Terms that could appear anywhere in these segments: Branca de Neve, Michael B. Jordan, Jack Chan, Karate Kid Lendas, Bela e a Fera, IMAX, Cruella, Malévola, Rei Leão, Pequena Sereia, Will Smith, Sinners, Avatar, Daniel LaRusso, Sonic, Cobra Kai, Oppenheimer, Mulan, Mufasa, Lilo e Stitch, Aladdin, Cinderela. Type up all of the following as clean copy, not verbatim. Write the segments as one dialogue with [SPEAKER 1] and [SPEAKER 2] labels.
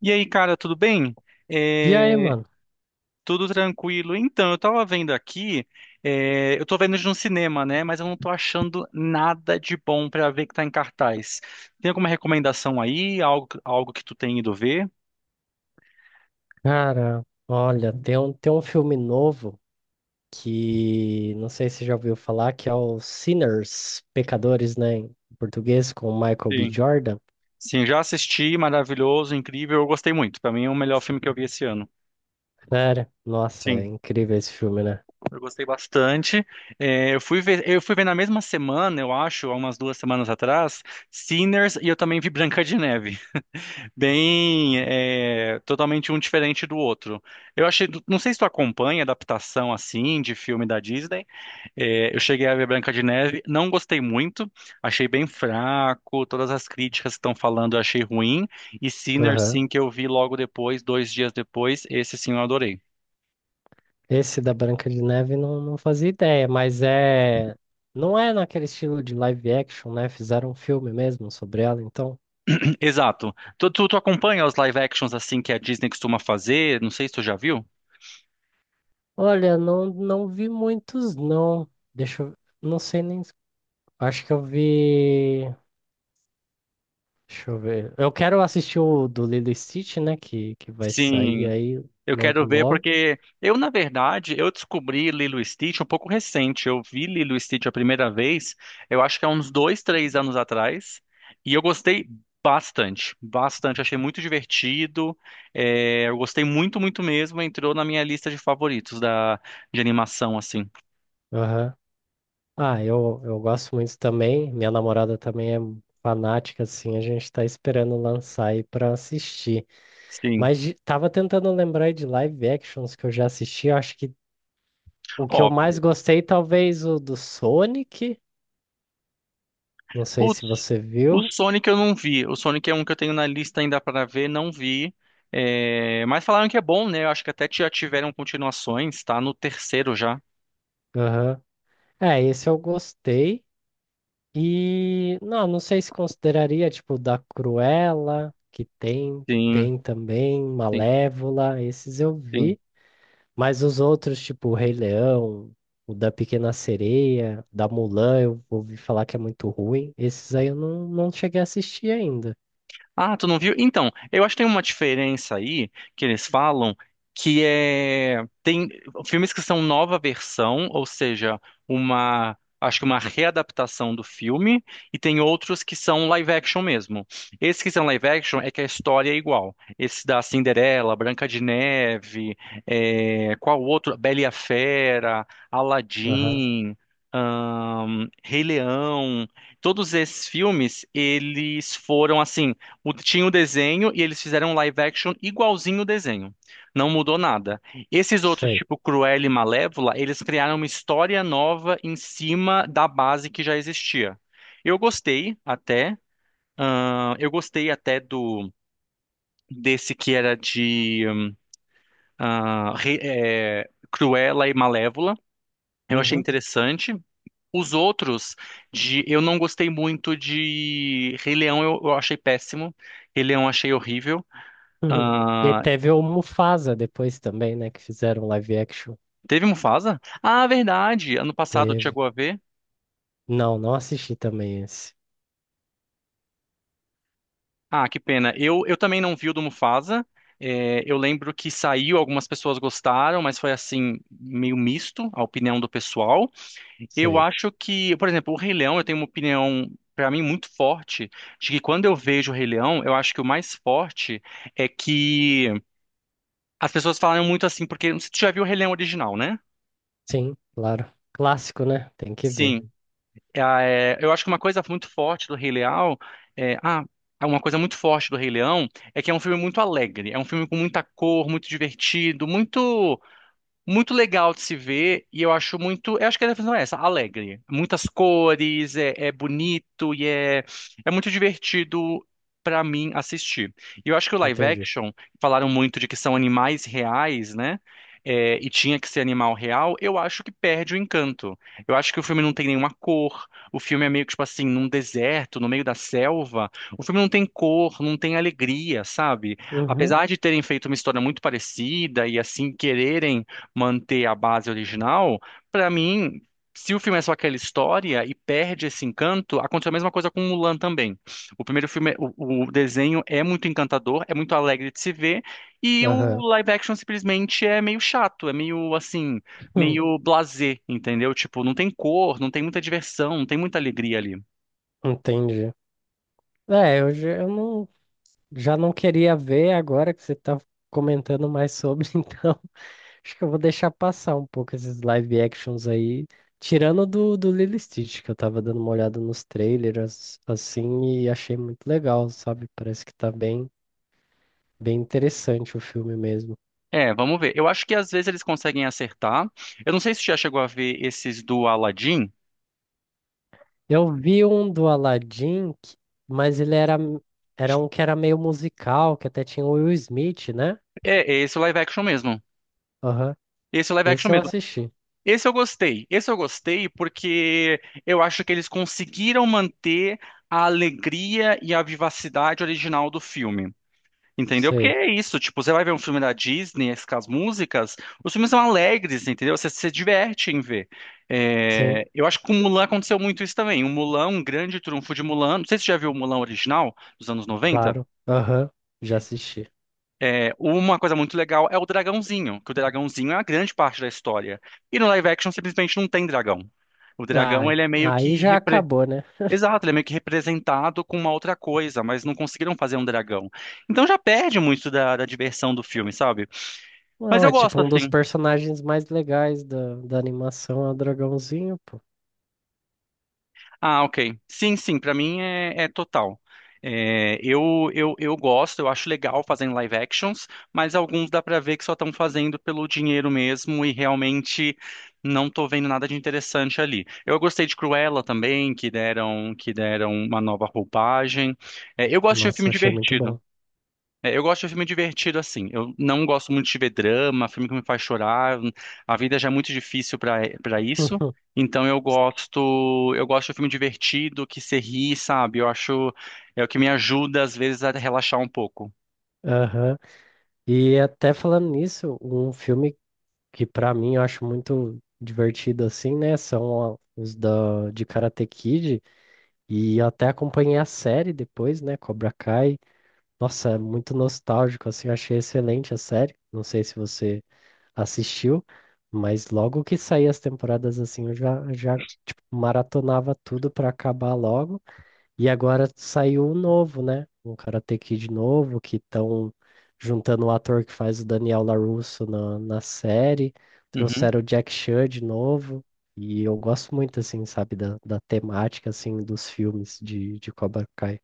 [SPEAKER 1] E aí, cara, tudo bem?
[SPEAKER 2] E aí,
[SPEAKER 1] É,
[SPEAKER 2] mano?
[SPEAKER 1] tudo tranquilo. Então, eu tava vendo aqui, é, eu tô vendo de um cinema, né? Mas eu não tô achando nada de bom pra ver que tá em cartaz. Tem alguma recomendação aí? Algo que tu tem ido ver?
[SPEAKER 2] Cara, olha, tem um filme novo que não sei se já ouviu falar, que é o Sinners, Pecadores, né? Em português, com o Michael B.
[SPEAKER 1] Sim.
[SPEAKER 2] Jordan.
[SPEAKER 1] Sim, já assisti, maravilhoso, incrível. Eu gostei muito. Pra mim é o melhor filme que eu vi esse ano.
[SPEAKER 2] Cara, nossa, é
[SPEAKER 1] Sim,
[SPEAKER 2] incrível esse filme, né?
[SPEAKER 1] eu gostei bastante. É, eu fui ver na mesma semana, eu acho, há umas 2 semanas atrás, Sinners, e eu também vi Branca de Neve. Bem é, totalmente um diferente do outro. Eu achei, não sei se tu acompanha adaptação assim de filme da Disney. É, eu cheguei a ver Branca de Neve, não gostei muito, achei bem fraco, todas as críticas que estão falando eu achei ruim, e Sinners
[SPEAKER 2] Aham.
[SPEAKER 1] sim, que eu vi logo depois, 2 dias depois, esse sim eu adorei.
[SPEAKER 2] Esse da Branca de Neve não fazia ideia, mas é. Não é naquele estilo de live action, né? Fizeram um filme mesmo sobre ela, então.
[SPEAKER 1] Exato. Tu acompanha os live actions assim que a Disney costuma fazer? Não sei se tu já viu?
[SPEAKER 2] Olha, não vi muitos, não. Deixa eu. Não sei nem. Acho que eu vi. Deixa eu ver. Eu quero assistir o do Lilo e Stitch, né? Que vai sair
[SPEAKER 1] Sim.
[SPEAKER 2] aí
[SPEAKER 1] Eu
[SPEAKER 2] logo,
[SPEAKER 1] quero ver
[SPEAKER 2] logo.
[SPEAKER 1] porque eu, na verdade, eu descobri Lilo e Stitch um pouco recente. Eu vi Lilo e Stitch a primeira vez, eu acho que há uns dois, três anos atrás, e eu gostei bastante, bastante. Achei muito divertido, é, eu gostei muito, muito mesmo. Entrou na minha lista de favoritos da, de animação, assim.
[SPEAKER 2] Aham. Ah, eu gosto muito também. Minha namorada também é fanática, assim. A gente tá esperando lançar aí pra assistir.
[SPEAKER 1] Sim.
[SPEAKER 2] Mas tava tentando lembrar aí de live actions que eu já assisti. Eu acho que o que eu
[SPEAKER 1] Ó,
[SPEAKER 2] mais gostei, talvez o do Sonic. Não sei
[SPEAKER 1] putz.
[SPEAKER 2] se você
[SPEAKER 1] O
[SPEAKER 2] viu.
[SPEAKER 1] Sonic eu não vi. O Sonic é um que eu tenho na lista ainda para ver, não vi. É, mas falaram que é bom, né? Eu acho que até já tiveram continuações, tá? No terceiro já.
[SPEAKER 2] Aham. É, esse eu gostei. E não sei se consideraria tipo da Cruella, que tem,
[SPEAKER 1] Sim,
[SPEAKER 2] tem também
[SPEAKER 1] sim,
[SPEAKER 2] Malévola, esses eu
[SPEAKER 1] sim.
[SPEAKER 2] vi, mas os outros, tipo o Rei Leão, o da Pequena Sereia, da Mulan, eu ouvi falar que é muito ruim. Esses aí eu não cheguei a assistir ainda.
[SPEAKER 1] Ah, tu não viu? Então, eu acho que tem uma diferença aí que eles falam que é tem filmes que são nova versão, ou seja, uma, acho que uma readaptação do filme, e tem outros que são live action mesmo. Esses que são live action é que a história é igual. Esse da Cinderela, Branca de Neve, é, qual outro? Bela e a Fera,
[SPEAKER 2] Aham,
[SPEAKER 1] Aladdin, Rei Leão. Todos esses filmes, eles foram assim tinha o desenho e eles fizeram um live action igualzinho o desenho. Não mudou nada. Esses outros,
[SPEAKER 2] sei.
[SPEAKER 1] tipo Cruella e Malévola, eles criaram uma história nova em cima da base que já existia. Eu gostei até, eu gostei até do desse que era de Cruella e Malévola. Eu achei
[SPEAKER 2] Uhum.
[SPEAKER 1] interessante. Os outros, eu não gostei muito de Rei Leão, eu achei péssimo. Rei Leão eu achei horrível.
[SPEAKER 2] E teve o Mufasa depois também, né, que fizeram live action.
[SPEAKER 1] Teve Mufasa? Ah, verdade. Ano passado
[SPEAKER 2] Teve.
[SPEAKER 1] chegou a ver.
[SPEAKER 2] Não assisti também esse.
[SPEAKER 1] Ah, que pena. Eu também não vi o do Mufasa. É, eu lembro que saiu, algumas pessoas gostaram, mas foi assim, meio misto a opinião do pessoal. Eu
[SPEAKER 2] Sei.
[SPEAKER 1] acho que, por exemplo, o Rei Leão, eu tenho uma opinião, pra mim, muito forte, de que quando eu vejo o Rei Leão, eu acho que o mais forte é que as pessoas falam muito assim, porque você já viu o Rei Leão original, né?
[SPEAKER 2] Sim, claro. Clássico, né? Tem que ver.
[SPEAKER 1] Sim. Ah, é, eu acho que uma coisa muito forte do Rei Leão é, ah, é uma coisa muito forte do Rei Leão é que é um filme muito alegre, é um filme com muita cor, muito divertido, muito muito legal de se ver, e eu acho muito, eu acho que a definição é essa, alegre. Muitas cores, é, é bonito e é, é muito divertido pra mim assistir. E eu acho que o live
[SPEAKER 2] Entendi.
[SPEAKER 1] action, falaram muito de que são animais reais, né? É, e tinha que ser animal real, eu acho que perde o encanto. Eu acho que o filme não tem nenhuma cor, o filme é meio que, tipo assim, num deserto, no meio da selva. O filme não tem cor, não tem alegria, sabe?
[SPEAKER 2] Uhum,
[SPEAKER 1] Apesar de terem feito uma história muito parecida e assim quererem manter a base original, pra mim, se o filme é só aquela história e perde esse encanto, aconteceu a mesma coisa com Mulan também. O primeiro filme, o desenho é muito encantador, é muito alegre de se ver, e o
[SPEAKER 2] aham.
[SPEAKER 1] live action simplesmente é meio chato, é meio assim,
[SPEAKER 2] Hum.
[SPEAKER 1] meio blasé, entendeu? Tipo, não tem cor, não tem muita diversão, não tem muita alegria ali.
[SPEAKER 2] Entendi. É, eu, já- eu não, já não queria ver agora que você tá comentando mais sobre. Então acho que eu vou deixar passar um pouco esses live actions aí, tirando do, Lilo e Stitch, que eu tava dando uma olhada nos trailers, assim, e achei muito legal, sabe? Parece que tá bem, bem interessante o filme mesmo.
[SPEAKER 1] É, vamos ver. Eu acho que às vezes eles conseguem acertar. Eu não sei se já chegou a ver esses do Aladdin.
[SPEAKER 2] Eu vi um do Aladdin, mas ele era um que era meio musical, que até tinha o Will Smith, né?
[SPEAKER 1] É, é esse o live action mesmo.
[SPEAKER 2] Aham.
[SPEAKER 1] Esse é o live action
[SPEAKER 2] Esse eu
[SPEAKER 1] mesmo.
[SPEAKER 2] assisti.
[SPEAKER 1] Esse eu gostei. Esse eu gostei porque eu acho que eles conseguiram manter a alegria e a vivacidade original do filme. Entendeu? Porque
[SPEAKER 2] Sei.
[SPEAKER 1] é isso, tipo, você vai ver um filme da Disney, as com as músicas, os filmes são alegres, entendeu? Você se diverte em ver.
[SPEAKER 2] Sim,
[SPEAKER 1] É, eu acho que com Mulan aconteceu muito isso também. O Mulan, um grande trunfo de Mulan, não sei se você já viu o Mulan original, dos anos 90.
[SPEAKER 2] claro. Aham, já assisti.
[SPEAKER 1] É, uma coisa muito legal é o dragãozinho, que o dragãozinho é a grande parte da história. E no live action simplesmente não tem dragão. O dragão,
[SPEAKER 2] Ah,
[SPEAKER 1] ele é meio
[SPEAKER 2] aí
[SPEAKER 1] que
[SPEAKER 2] já acabou, né?
[SPEAKER 1] exato, ele é meio que representado com uma outra coisa, mas não conseguiram fazer um dragão. Então já perde muito da diversão do filme, sabe? Mas
[SPEAKER 2] Não, é
[SPEAKER 1] eu gosto
[SPEAKER 2] tipo um dos
[SPEAKER 1] assim.
[SPEAKER 2] personagens mais legais da animação, é o dragãozinho, pô.
[SPEAKER 1] Ah, ok. Sim, sim, pra mim é, é total. É, eu gosto, eu acho legal fazendo live actions, mas alguns dá pra ver que só estão fazendo pelo dinheiro mesmo e realmente não tô vendo nada de interessante ali. Eu gostei de Cruella também, que deram uma nova roupagem. É, eu gosto de
[SPEAKER 2] Nossa,
[SPEAKER 1] filme
[SPEAKER 2] achei muito
[SPEAKER 1] divertido.
[SPEAKER 2] bom.
[SPEAKER 1] É, eu gosto de filme divertido assim. Eu não gosto muito de ver drama, filme que me faz chorar. A vida já é muito difícil para isso. Então eu gosto de filme divertido, que se ri, sabe? Eu acho é o que me ajuda às vezes a relaxar um pouco.
[SPEAKER 2] Aham. E até falando nisso, um filme que pra mim eu acho muito divertido assim, né? São os da, de Karate Kid. E eu até acompanhei a série depois, né? Cobra Kai. Nossa, é muito nostálgico, assim, eu achei excelente a série. Não sei se você assistiu, mas logo que saí as temporadas, assim, eu já tipo, maratonava tudo pra acabar logo. E agora saiu um novo, né? Um Karate Kid novo, que estão juntando o ator que faz o Daniel LaRusso na, série.
[SPEAKER 1] Uhum.
[SPEAKER 2] Trouxeram o Jack Chan de novo. E eu gosto muito, assim, sabe, da, temática, assim, dos filmes de Cobra Kai.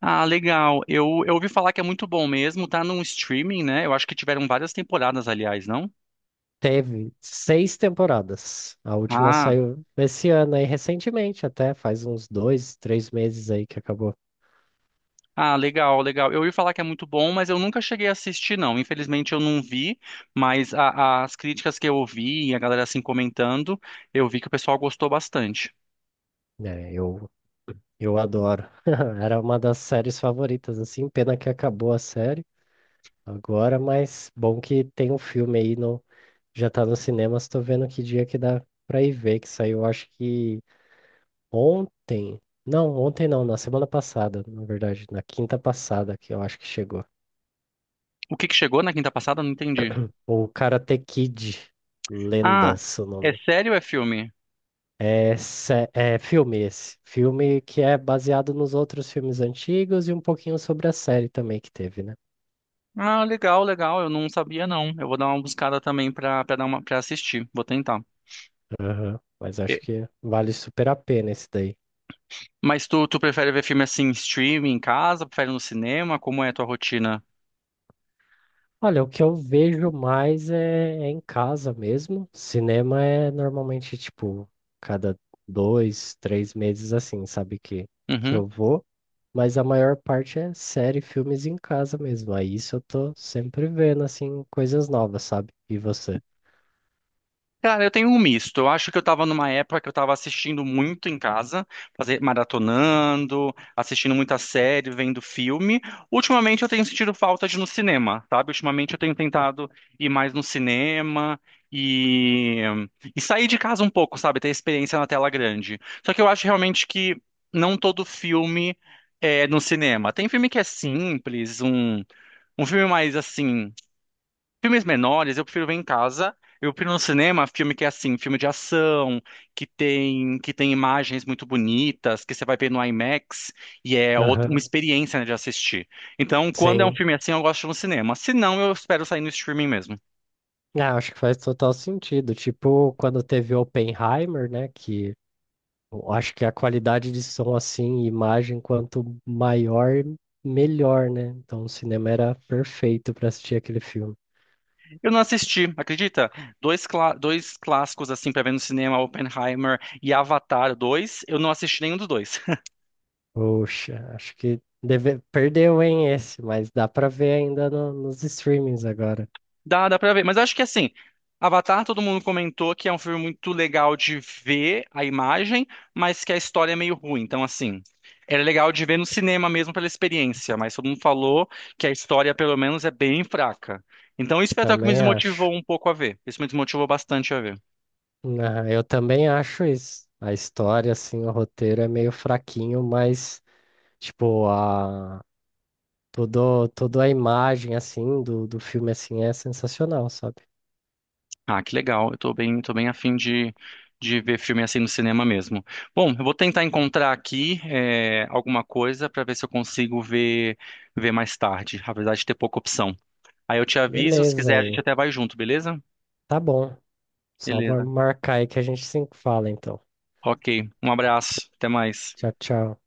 [SPEAKER 1] Ah, legal. Eu ouvi falar que é muito bom mesmo, tá num streaming, né? Eu acho que tiveram várias temporadas, aliás, não?
[SPEAKER 2] Teve 6 temporadas. A última
[SPEAKER 1] Ah.
[SPEAKER 2] saiu esse ano aí, recentemente, até faz uns 2, 3 meses aí que acabou.
[SPEAKER 1] Ah, legal, legal. Eu ia falar que é muito bom, mas eu nunca cheguei a assistir, não. Infelizmente eu não vi, mas as críticas que eu ouvi e a galera assim comentando, eu vi que o pessoal gostou bastante.
[SPEAKER 2] É, eu adoro. Era uma das séries favoritas, assim. Pena que acabou a série agora, mas bom que tem um filme aí no, já tá nos cinemas. Tô vendo que dia que dá pra ir ver, que saiu, acho que ontem. Não, ontem não, na semana passada, na verdade, na quinta passada que eu acho que chegou.
[SPEAKER 1] O que que chegou na quinta passada? Eu não entendi.
[SPEAKER 2] O Karate Kid,
[SPEAKER 1] Ah,
[SPEAKER 2] Lendas, o
[SPEAKER 1] é
[SPEAKER 2] nome.
[SPEAKER 1] sério ou é filme?
[SPEAKER 2] É, é filme esse. Filme que é baseado nos outros filmes antigos e um pouquinho sobre a série também que teve, né?
[SPEAKER 1] Ah, legal, legal. Eu não sabia, não. Eu vou dar uma buscada também pra dar uma, pra assistir. Vou tentar.
[SPEAKER 2] Aham. Mas acho
[SPEAKER 1] E-
[SPEAKER 2] que vale super a pena esse daí.
[SPEAKER 1] mas tu prefere ver filme assim, em streaming, em casa? Prefere no cinema? Como é a tua rotina?
[SPEAKER 2] Olha, o que eu vejo mais é em casa mesmo. Cinema é normalmente, tipo, cada 2, 3 meses assim, sabe que
[SPEAKER 1] Uhum.
[SPEAKER 2] eu vou. Mas a maior parte é série, filmes em casa mesmo. Aí isso eu tô sempre vendo, assim, coisas novas, sabe? E você?
[SPEAKER 1] Cara, eu tenho um misto. Eu acho que eu tava numa época que eu tava assistindo muito em casa, fazer, maratonando, assistindo muita série, vendo filme. Ultimamente eu tenho sentido falta de ir no cinema, sabe? Ultimamente eu tenho tentado ir mais no cinema e, e sair de casa um pouco, sabe? Ter experiência na tela grande. Só que eu acho realmente que não todo filme é no cinema. Tem filme que é simples, um filme mais assim. Filmes menores eu prefiro ver em casa. Eu prefiro no cinema filme que é assim, filme de ação, que tem imagens muito bonitas, que você vai ver no IMAX e é uma
[SPEAKER 2] Aham.
[SPEAKER 1] experiência, né, de assistir. Então, quando é um
[SPEAKER 2] Sim.
[SPEAKER 1] filme assim, eu gosto de ir no cinema. Se não, eu espero sair no streaming mesmo.
[SPEAKER 2] É, acho que faz total sentido. Tipo, quando teve Oppenheimer, né? Que eu acho que a qualidade de som, assim, e imagem, quanto maior, melhor, né? Então o cinema era perfeito para assistir aquele filme.
[SPEAKER 1] Eu não assisti, acredita? Dois clássicos assim para ver no cinema, Oppenheimer e Avatar 2. Eu não assisti nenhum dos dois.
[SPEAKER 2] Poxa, acho que deve perdeu, hein, esse, mas dá para ver ainda nos streamings agora.
[SPEAKER 1] Dá, dá pra ver. Mas acho que assim, Avatar, todo mundo comentou que é um filme muito legal de ver a imagem, mas que a história é meio ruim. Então, assim, era legal de ver no cinema mesmo pela experiência, mas todo mundo falou que a história, pelo menos, é bem fraca. Então, isso foi até o que me
[SPEAKER 2] Também acho.
[SPEAKER 1] desmotivou um pouco a ver. Isso me desmotivou bastante a ver.
[SPEAKER 2] Ah, eu também acho isso. A história, assim, o roteiro é meio fraquinho, mas, tipo, toda a imagem, assim, do, filme, assim, é sensacional, sabe?
[SPEAKER 1] Ah, que legal. Eu tô bem a fim de ver filme assim no cinema mesmo. Bom, eu vou tentar encontrar aqui, eh, alguma coisa pra ver se eu consigo ver mais tarde, apesar de ter pouca opção. Aí eu te aviso, se
[SPEAKER 2] Beleza
[SPEAKER 1] quiser a
[SPEAKER 2] aí.
[SPEAKER 1] gente até vai junto, beleza?
[SPEAKER 2] Tá bom. Só vou
[SPEAKER 1] Beleza.
[SPEAKER 2] marcar aí que a gente se fala, então.
[SPEAKER 1] Ok. Um abraço. Até mais.
[SPEAKER 2] Tchau, tchau.